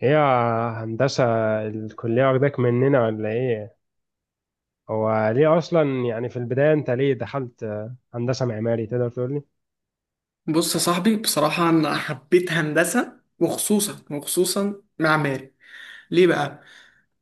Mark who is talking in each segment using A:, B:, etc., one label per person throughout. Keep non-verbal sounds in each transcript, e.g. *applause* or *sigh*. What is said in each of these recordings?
A: هي هندسة الكلية واخداك مننا ولا ايه؟ هو ليه اصلا يعني في البداية انت ليه دخلت هندسة معماري تقدر تقول لي؟
B: بص يا صاحبي، بصراحة أنا حبيت هندسة، وخصوصا معماري. ليه بقى؟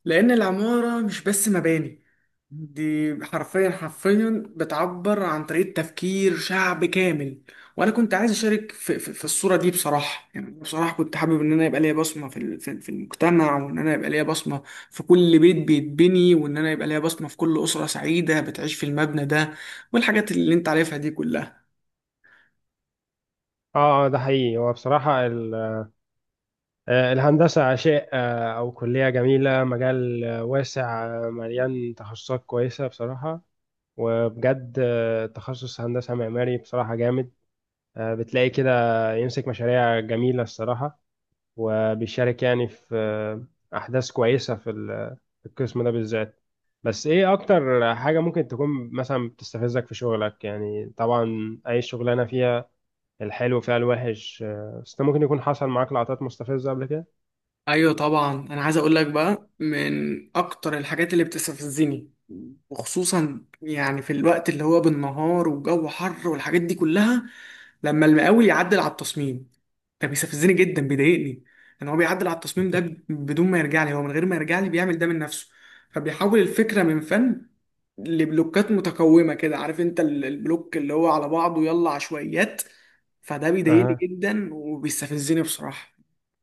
B: لأن العمارة مش بس مباني، دي حرفيا بتعبر عن طريقة تفكير شعب كامل. وأنا كنت عايز أشارك في الصورة دي. بصراحة يعني بصراحة كنت حابب إن أنا يبقى ليا بصمة في المجتمع، وإن أنا يبقى ليا بصمة في كل بيت بيتبني، وإن أنا يبقى ليا بصمة في كل أسرة سعيدة بتعيش في المبنى ده، والحاجات اللي أنت عارفها دي كلها.
A: اه، ده حقيقي. هو بصراحة الهندسة شيء، او كلية جميلة، مجال واسع، مليان تخصصات كويسة بصراحة. وبجد تخصص هندسة معماري بصراحة جامد. بتلاقي كده يمسك مشاريع جميلة الصراحة، وبيشارك يعني في أحداث كويسة في القسم ده بالذات. بس إيه أكتر حاجة ممكن تكون مثلا بتستفزك في شغلك؟ يعني طبعا أي شغلانة فيها الحلو فيها الوحش، بس أنت ممكن يكون حصل معاك لقطات مستفزة قبل كده.
B: ايوه طبعا، انا عايز اقول لك بقى من اكتر الحاجات اللي بتستفزني، وخصوصا يعني في الوقت اللي هو بالنهار والجو حر والحاجات دي كلها، لما المقاول يعدل على التصميم. ده بيستفزني جدا، بيضايقني ان هو بيعدل على التصميم ده بدون ما يرجع لي، هو من غير ما يرجع لي بيعمل ده من نفسه. فبيحول الفكره من فن لبلوكات متكومه كده، عارف انت البلوك اللي هو على بعضه، يلا عشوائيات. فده بيضايقني
A: أها.
B: جدا وبيستفزني بصراحه.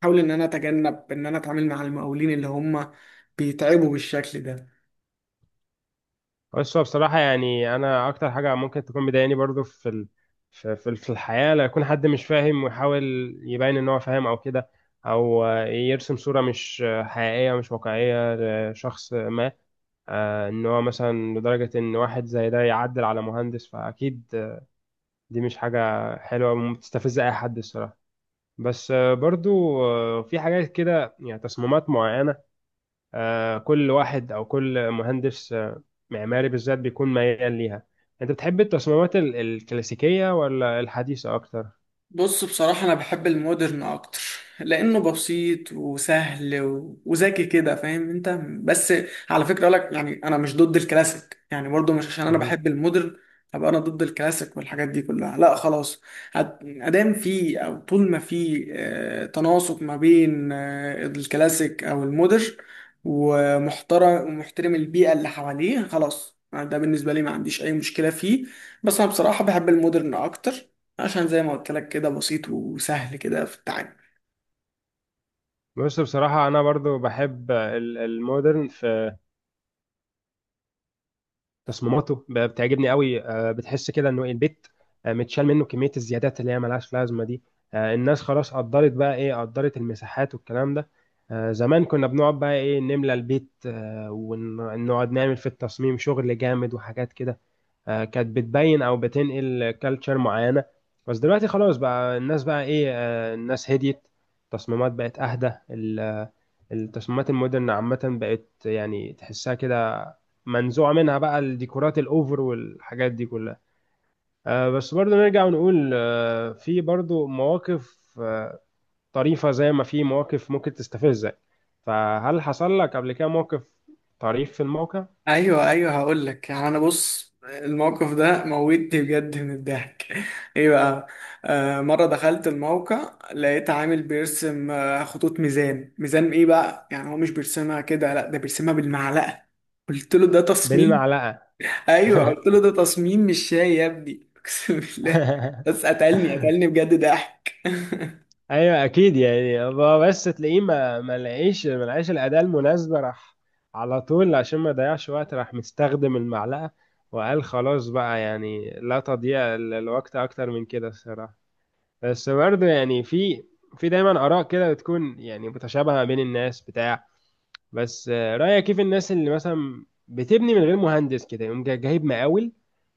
B: احاول ان انا اتجنب ان انا اتعامل مع المقاولين اللي هم بيتعبوا بالشكل ده.
A: بس هو بصراحة يعني أنا أكتر حاجة ممكن تكون مضايقاني برضو في في الحياة لو يكون حد مش فاهم ويحاول يبين إن هو فاهم أو كده، أو يرسم صورة مش حقيقية، مش واقعية لشخص ما. ان هو مثلا لدرجة ان واحد زي ده يعدل على مهندس، فاكيد دي مش حاجة حلوة، ومستفزة اي حد الصراحة. بس برضو في حاجات كده، يعني تصميمات معينة كل واحد او كل مهندس معماري بالذات بيكون ميال ليها. انت بتحب التصميمات الكلاسيكية ولا الحديثة اكتر؟
B: بص بصراحة، أنا بحب المودرن أكتر، لأنه بسيط وسهل وذكي كده، فاهم أنت. بس على فكرة أقولك، يعني أنا مش ضد الكلاسيك، يعني برضو مش عشان أنا
A: مهم.
B: بحب المودرن أبقى أنا ضد الكلاسيك والحاجات دي كلها، لا خلاص. أدام في أو طول ما في تناسق ما بين الكلاسيك أو المودرن، ومحترم البيئة اللي حواليه، خلاص ده بالنسبة لي ما عنديش أي مشكلة فيه. بس أنا بصراحة بحب المودرن أكتر، عشان زي ما قلت لك كده بسيط وسهل كده في التعامل.
A: بص بصراحة أنا برضو بحب المودرن في تصميماته، بتعجبني قوي. بتحس كده انه إيه، البيت متشال منه كميه الزيادات اللي هي ملهاش لازمه دي. الناس خلاص قدرت بقى ايه، قدرت المساحات والكلام ده. زمان كنا بنقعد بقى ايه نملى البيت، ونقعد نعمل في التصميم شغل جامد وحاجات كده. كانت بتبين او بتنقل كالتشر معينه. بس دلوقتي خلاص بقى الناس بقى ايه، الناس هديت، التصميمات بقت اهدى. التصميمات المودرن عامة بقت يعني تحسها كده منزوعة منها بقى الديكورات الأوفر والحاجات دي كلها. بس برضو نرجع ونقول في برضو مواقف طريفة زي ما في مواقف ممكن تستفزك. فهل حصل لك قبل كده موقف طريف في الموقع؟
B: ايوه ايوه، هقول لك يعني انا، بص الموقف ده موتني بجد من الضحك *laughs* ايه بقى. آه، مره دخلت الموقع لقيت عامل بيرسم خطوط ميزان. ميزان ايه بقى؟ يعني هو مش بيرسمها كده، لا ده بيرسمها بالمعلقه. قلت له ده تصميم.
A: بالمعلقة؟
B: ايوه قلت له ده تصميم مش شاي يا ابني *laughs* اقسم بالله. بس قتلني
A: *laughs*
B: قتلني بجد ضحك.
A: ايوه اكيد. يعني هو بس تلاقيه ما لقاش الاداه المناسبه، راح على طول عشان ما يضيعش وقت، راح مستخدم المعلقه وقال خلاص بقى، يعني لا تضيع الوقت اكتر من كده الصراحه. بس برضه يعني في دايما اراء كده بتكون يعني متشابهه ما بين الناس بتاع. بس رايك كيف الناس اللي مثلا بتبني من غير مهندس، كده يقوم جايب مقاول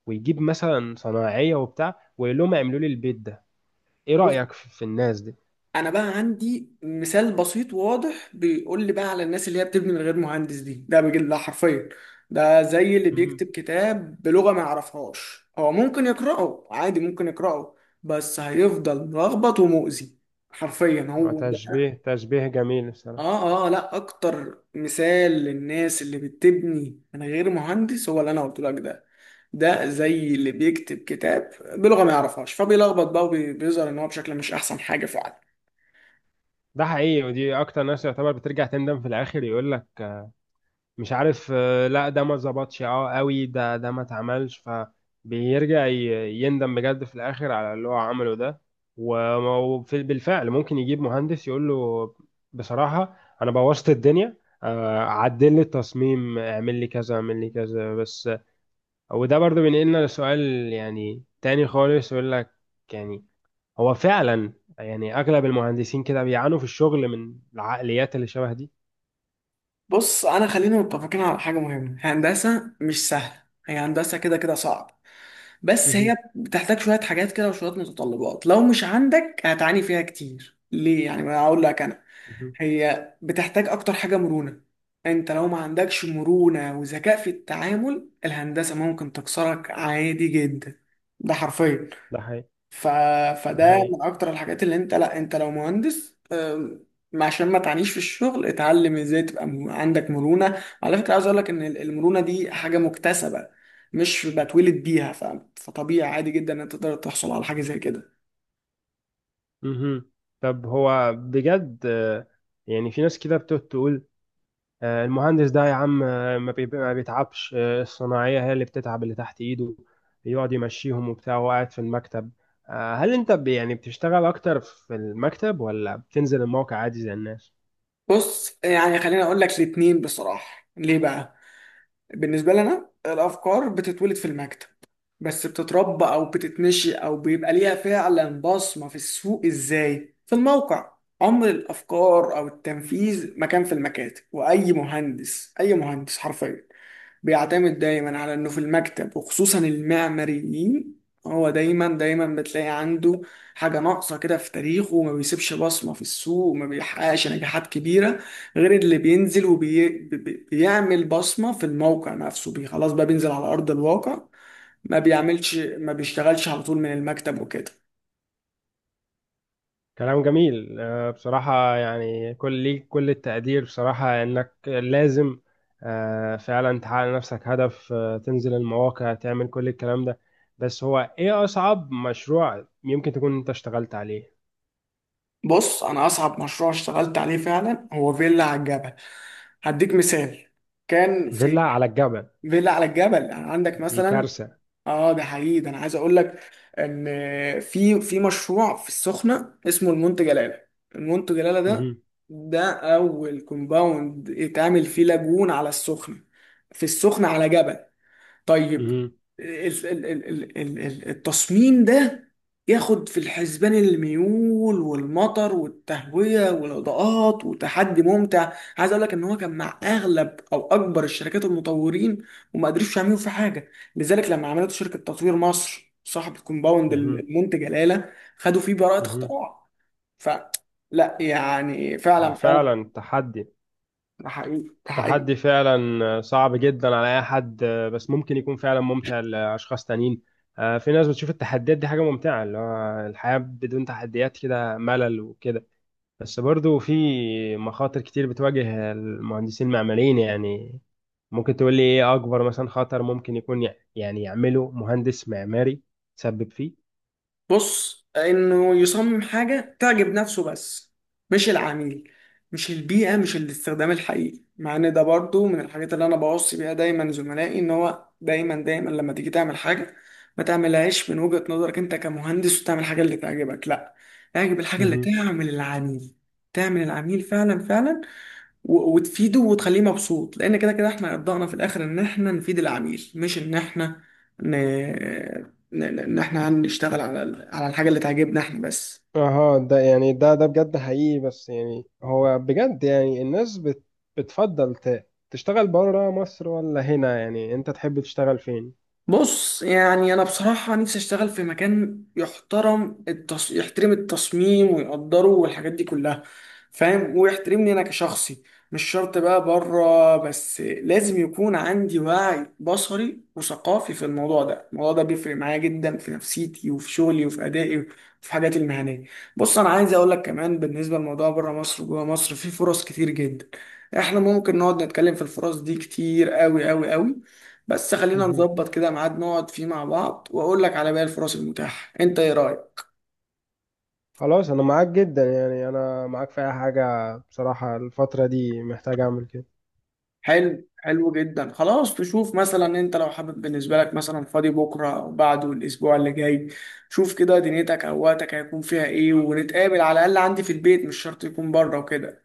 A: ويجيب مثلا صناعيه وبتاع ويقول لهم اعملوا لي البيت ده؟ ايه رايك في الناس
B: انا بقى عندي مثال بسيط وواضح بيقول لي بقى على الناس اللي هي بتبني من غير مهندس دي. ده بجد ده حرفيا، ده زي اللي
A: دي؟
B: بيكتب كتاب بلغة ما يعرفهاش. هو ممكن يقرأه عادي، ممكن يقرأه، بس هيفضل ملخبط ومؤذي. حرفيا هو ده.
A: تشبيه تشبيه جميل
B: اه
A: بصراحة.
B: اه، لا اكتر مثال للناس اللي بتبني من غير مهندس هو اللي انا قلت لك ده. ده زي اللي بيكتب كتاب بلغة ما يعرفهاش، فبيلخبط بقى وبيظهر ان هو بشكل مش احسن حاجة فعلا.
A: ده حقيقي، ودي اكتر ناس يعتبر بترجع تندم في الاخر، يقول لك مش عارف لا ده ما ظبطش، اه قوي ده ما اتعملش، فبيرجع يندم بجد في الاخر على اللي هو عمله ده. و، بالفعل ممكن يجيب مهندس يقول له بصراحة انا بوظت الدنيا، عدل لي التصميم، اعمل لي كذا اعمل لي كذا بس. وده برضو بينقلنا لسؤال يعني تاني خالص، يقول لك يعني هو فعلا يعني اغلب المهندسين كده بيعانوا في الشغل من العقليات اللي شبه دي؟
B: بص، انا خلينا متفقين على حاجه مهمه، هندسه مش سهله. هي هندسه كده كده صعب. بس
A: مهم.
B: هي بتحتاج شويه حاجات كده وشويه متطلبات، لو مش عندك هتعاني فيها كتير. ليه يعني؟ ما اقول لك انا،
A: مهم.
B: هي بتحتاج اكتر حاجه مرونه. انت لو ما عندكش مرونه وذكاء في التعامل، الهندسه ممكن تكسرك عادي جدا. ده حرفيا.
A: ده حقيقي،
B: ف...
A: ده
B: فده
A: حقيقي.
B: من اكتر الحاجات اللي انت، لا انت لو مهندس، عشان ما تعانيش في الشغل، اتعلم ازاي تبقى عندك مرونة. على فكرة عاوز اقول لك ان المرونة دي حاجة مكتسبة، مش بتولد بيها. فطبيعي عادي جدا ان انت تقدر تحصل على حاجة زي كده.
A: مهم. طب هو بجد يعني في ناس كده بتقعد تقول المهندس ده يا عم ما بيتعبش، الصناعية هي اللي بتتعب، اللي تحت ايده يقعد يمشيهم وبتاع وهو قاعد في المكتب. هل انت يعني بتشتغل اكتر في المكتب ولا بتنزل الموقع عادي زي الناس؟
B: بص يعني خليني اقول لك الاتنين بصراحة. ليه بقى؟ بالنسبة لنا الأفكار بتتولد في المكتب، بس بتتربى أو بتتنشئ أو بيبقى ليها فعلا بصمة في السوق إزاي؟ في الموقع. عمر الأفكار أو التنفيذ ما كان في المكاتب، وأي مهندس، أي مهندس حرفيا بيعتمد دايما على انه في المكتب، وخصوصا المعماريين، هو دايما بتلاقي عنده حاجة ناقصة كده في تاريخه، وما بيسيبش بصمة في السوق وما بيحققش نجاحات كبيرة، غير اللي بينزل وبيعمل بصمة في الموقع نفسه. بي خلاص بقى، بينزل على أرض الواقع، ما بيعملش، ما بيشتغلش على طول من المكتب وكده.
A: كلام جميل بصراحة. يعني كل ليك كل التقدير بصراحة، إنك لازم فعلا تحقق لنفسك هدف، تنزل المواقع تعمل كل الكلام ده. بس هو إيه أصعب مشروع يمكن تكون أنت اشتغلت عليه؟
B: بص، أنا أصعب مشروع اشتغلت عليه فعلا هو فيلا على الجبل. هديك مثال. كان
A: فيلا
B: في
A: على الجبل؟
B: فيلا على الجبل، يعني عندك
A: دي
B: مثلا.
A: كارثة.
B: اه ده حقيقي، ده انا عايز اقول لك ان في في مشروع في السخنه اسمه المنتج جلاله. المنتج جلاله ده،
A: مهم.
B: ده اول كومباوند اتعمل فيه لاجون على السخنه، في السخنه على جبل. طيب،
A: مهم.
B: ال- ال- ال- التصميم ده ياخد في الحسبان الميول والمطر والتهوية والإضاءات، وتحدي ممتع. عايز اقول لك ان هو كان مع اغلب او اكبر الشركات المطورين، وما قدروش يعملوا فيه حاجة. لذلك لما عملت شركة تطوير مصر صاحب الكومباوند
A: مهم.
B: المنتج جلالة، خدوا فيه براءة
A: مهم.
B: اختراع. ف لا يعني
A: هو
B: فعلا فعلا،
A: فعلا تحدي،
B: ده حقيقي ده حقيقي.
A: تحدي فعلا صعب جدا على اي حد، بس ممكن يكون فعلا ممتع لاشخاص تانيين. في ناس بتشوف التحديات دي حاجه ممتعه، اللي هو الحياه بدون تحديات كده ملل وكده. بس برضو في مخاطر كتير بتواجه المهندسين المعماريين. يعني ممكن تقول لي ايه اكبر مثلا خطر ممكن يكون يعني يعمله مهندس معماري تسبب فيه؟
B: بص، انه يصمم حاجه تعجب نفسه بس، مش العميل، مش البيئه، مش الاستخدام الحقيقي. مع ان ده برضو من الحاجات اللي انا بوصي بيها دايما زملائي، ان هو دايما لما تيجي تعمل حاجه، ما تعملهاش من وجهه نظرك انت كمهندس وتعمل الحاجه اللي تعجبك، لا اعجب الحاجه اللي تعمل العميل. تعمل العميل فعلا فعلا، وتفيده وتخليه مبسوط، لان كده كده احنا ابدانا في الاخر ان احنا نفيد العميل، مش ان احنا ن... ان احنا هنشتغل على على الحاجه اللي تعجبنا احنا بس.
A: اه ده يعني ده بجد حقيقي. بس يعني هو بجد يعني الناس بت، بتفضل تشتغل بره مصر ولا هنا؟ يعني انت تحب تشتغل فين؟
B: بص يعني انا بصراحه نفسي اشتغل في مكان يحترم يحترم التصميم ويقدره والحاجات دي كلها، فاهم، ويحترمني انا كشخصي. مش شرط بقى بره، بس لازم يكون عندي وعي بصري وثقافي في الموضوع ده. الموضوع ده بيفرق معايا جدا في نفسيتي وفي شغلي وفي ادائي وفي حاجاتي المهنيه. بص انا عايز اقول لك كمان بالنسبه لموضوع بره مصر وجوه مصر، في فرص كتير جدا. احنا ممكن نقعد نتكلم في الفرص دي كتير قوي. بس خلينا
A: مهم.
B: نظبط كده ميعاد نقعد فيه مع بعض، واقول لك على باقي الفرص المتاحة، انت ايه رأيك؟
A: خلاص انا معاك جدا، يعني انا معاك في اي حاجة بصراحة، الفترة دي محتاج اعمل كده.
B: حلو حلو جدا، خلاص. تشوف مثلا انت لو حابب، بالنسبة لك مثلا فاضي بكرة او بعده الاسبوع اللي جاي. شوف كده دنيتك او وقتك هيكون فيها ايه، ونتقابل على الاقل عندي في البيت، مش شرط يكون بره وكده.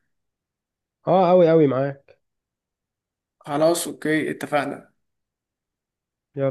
A: اه اوي اوي معاك.
B: خلاص اوكي، اتفقنا.
A: يلا.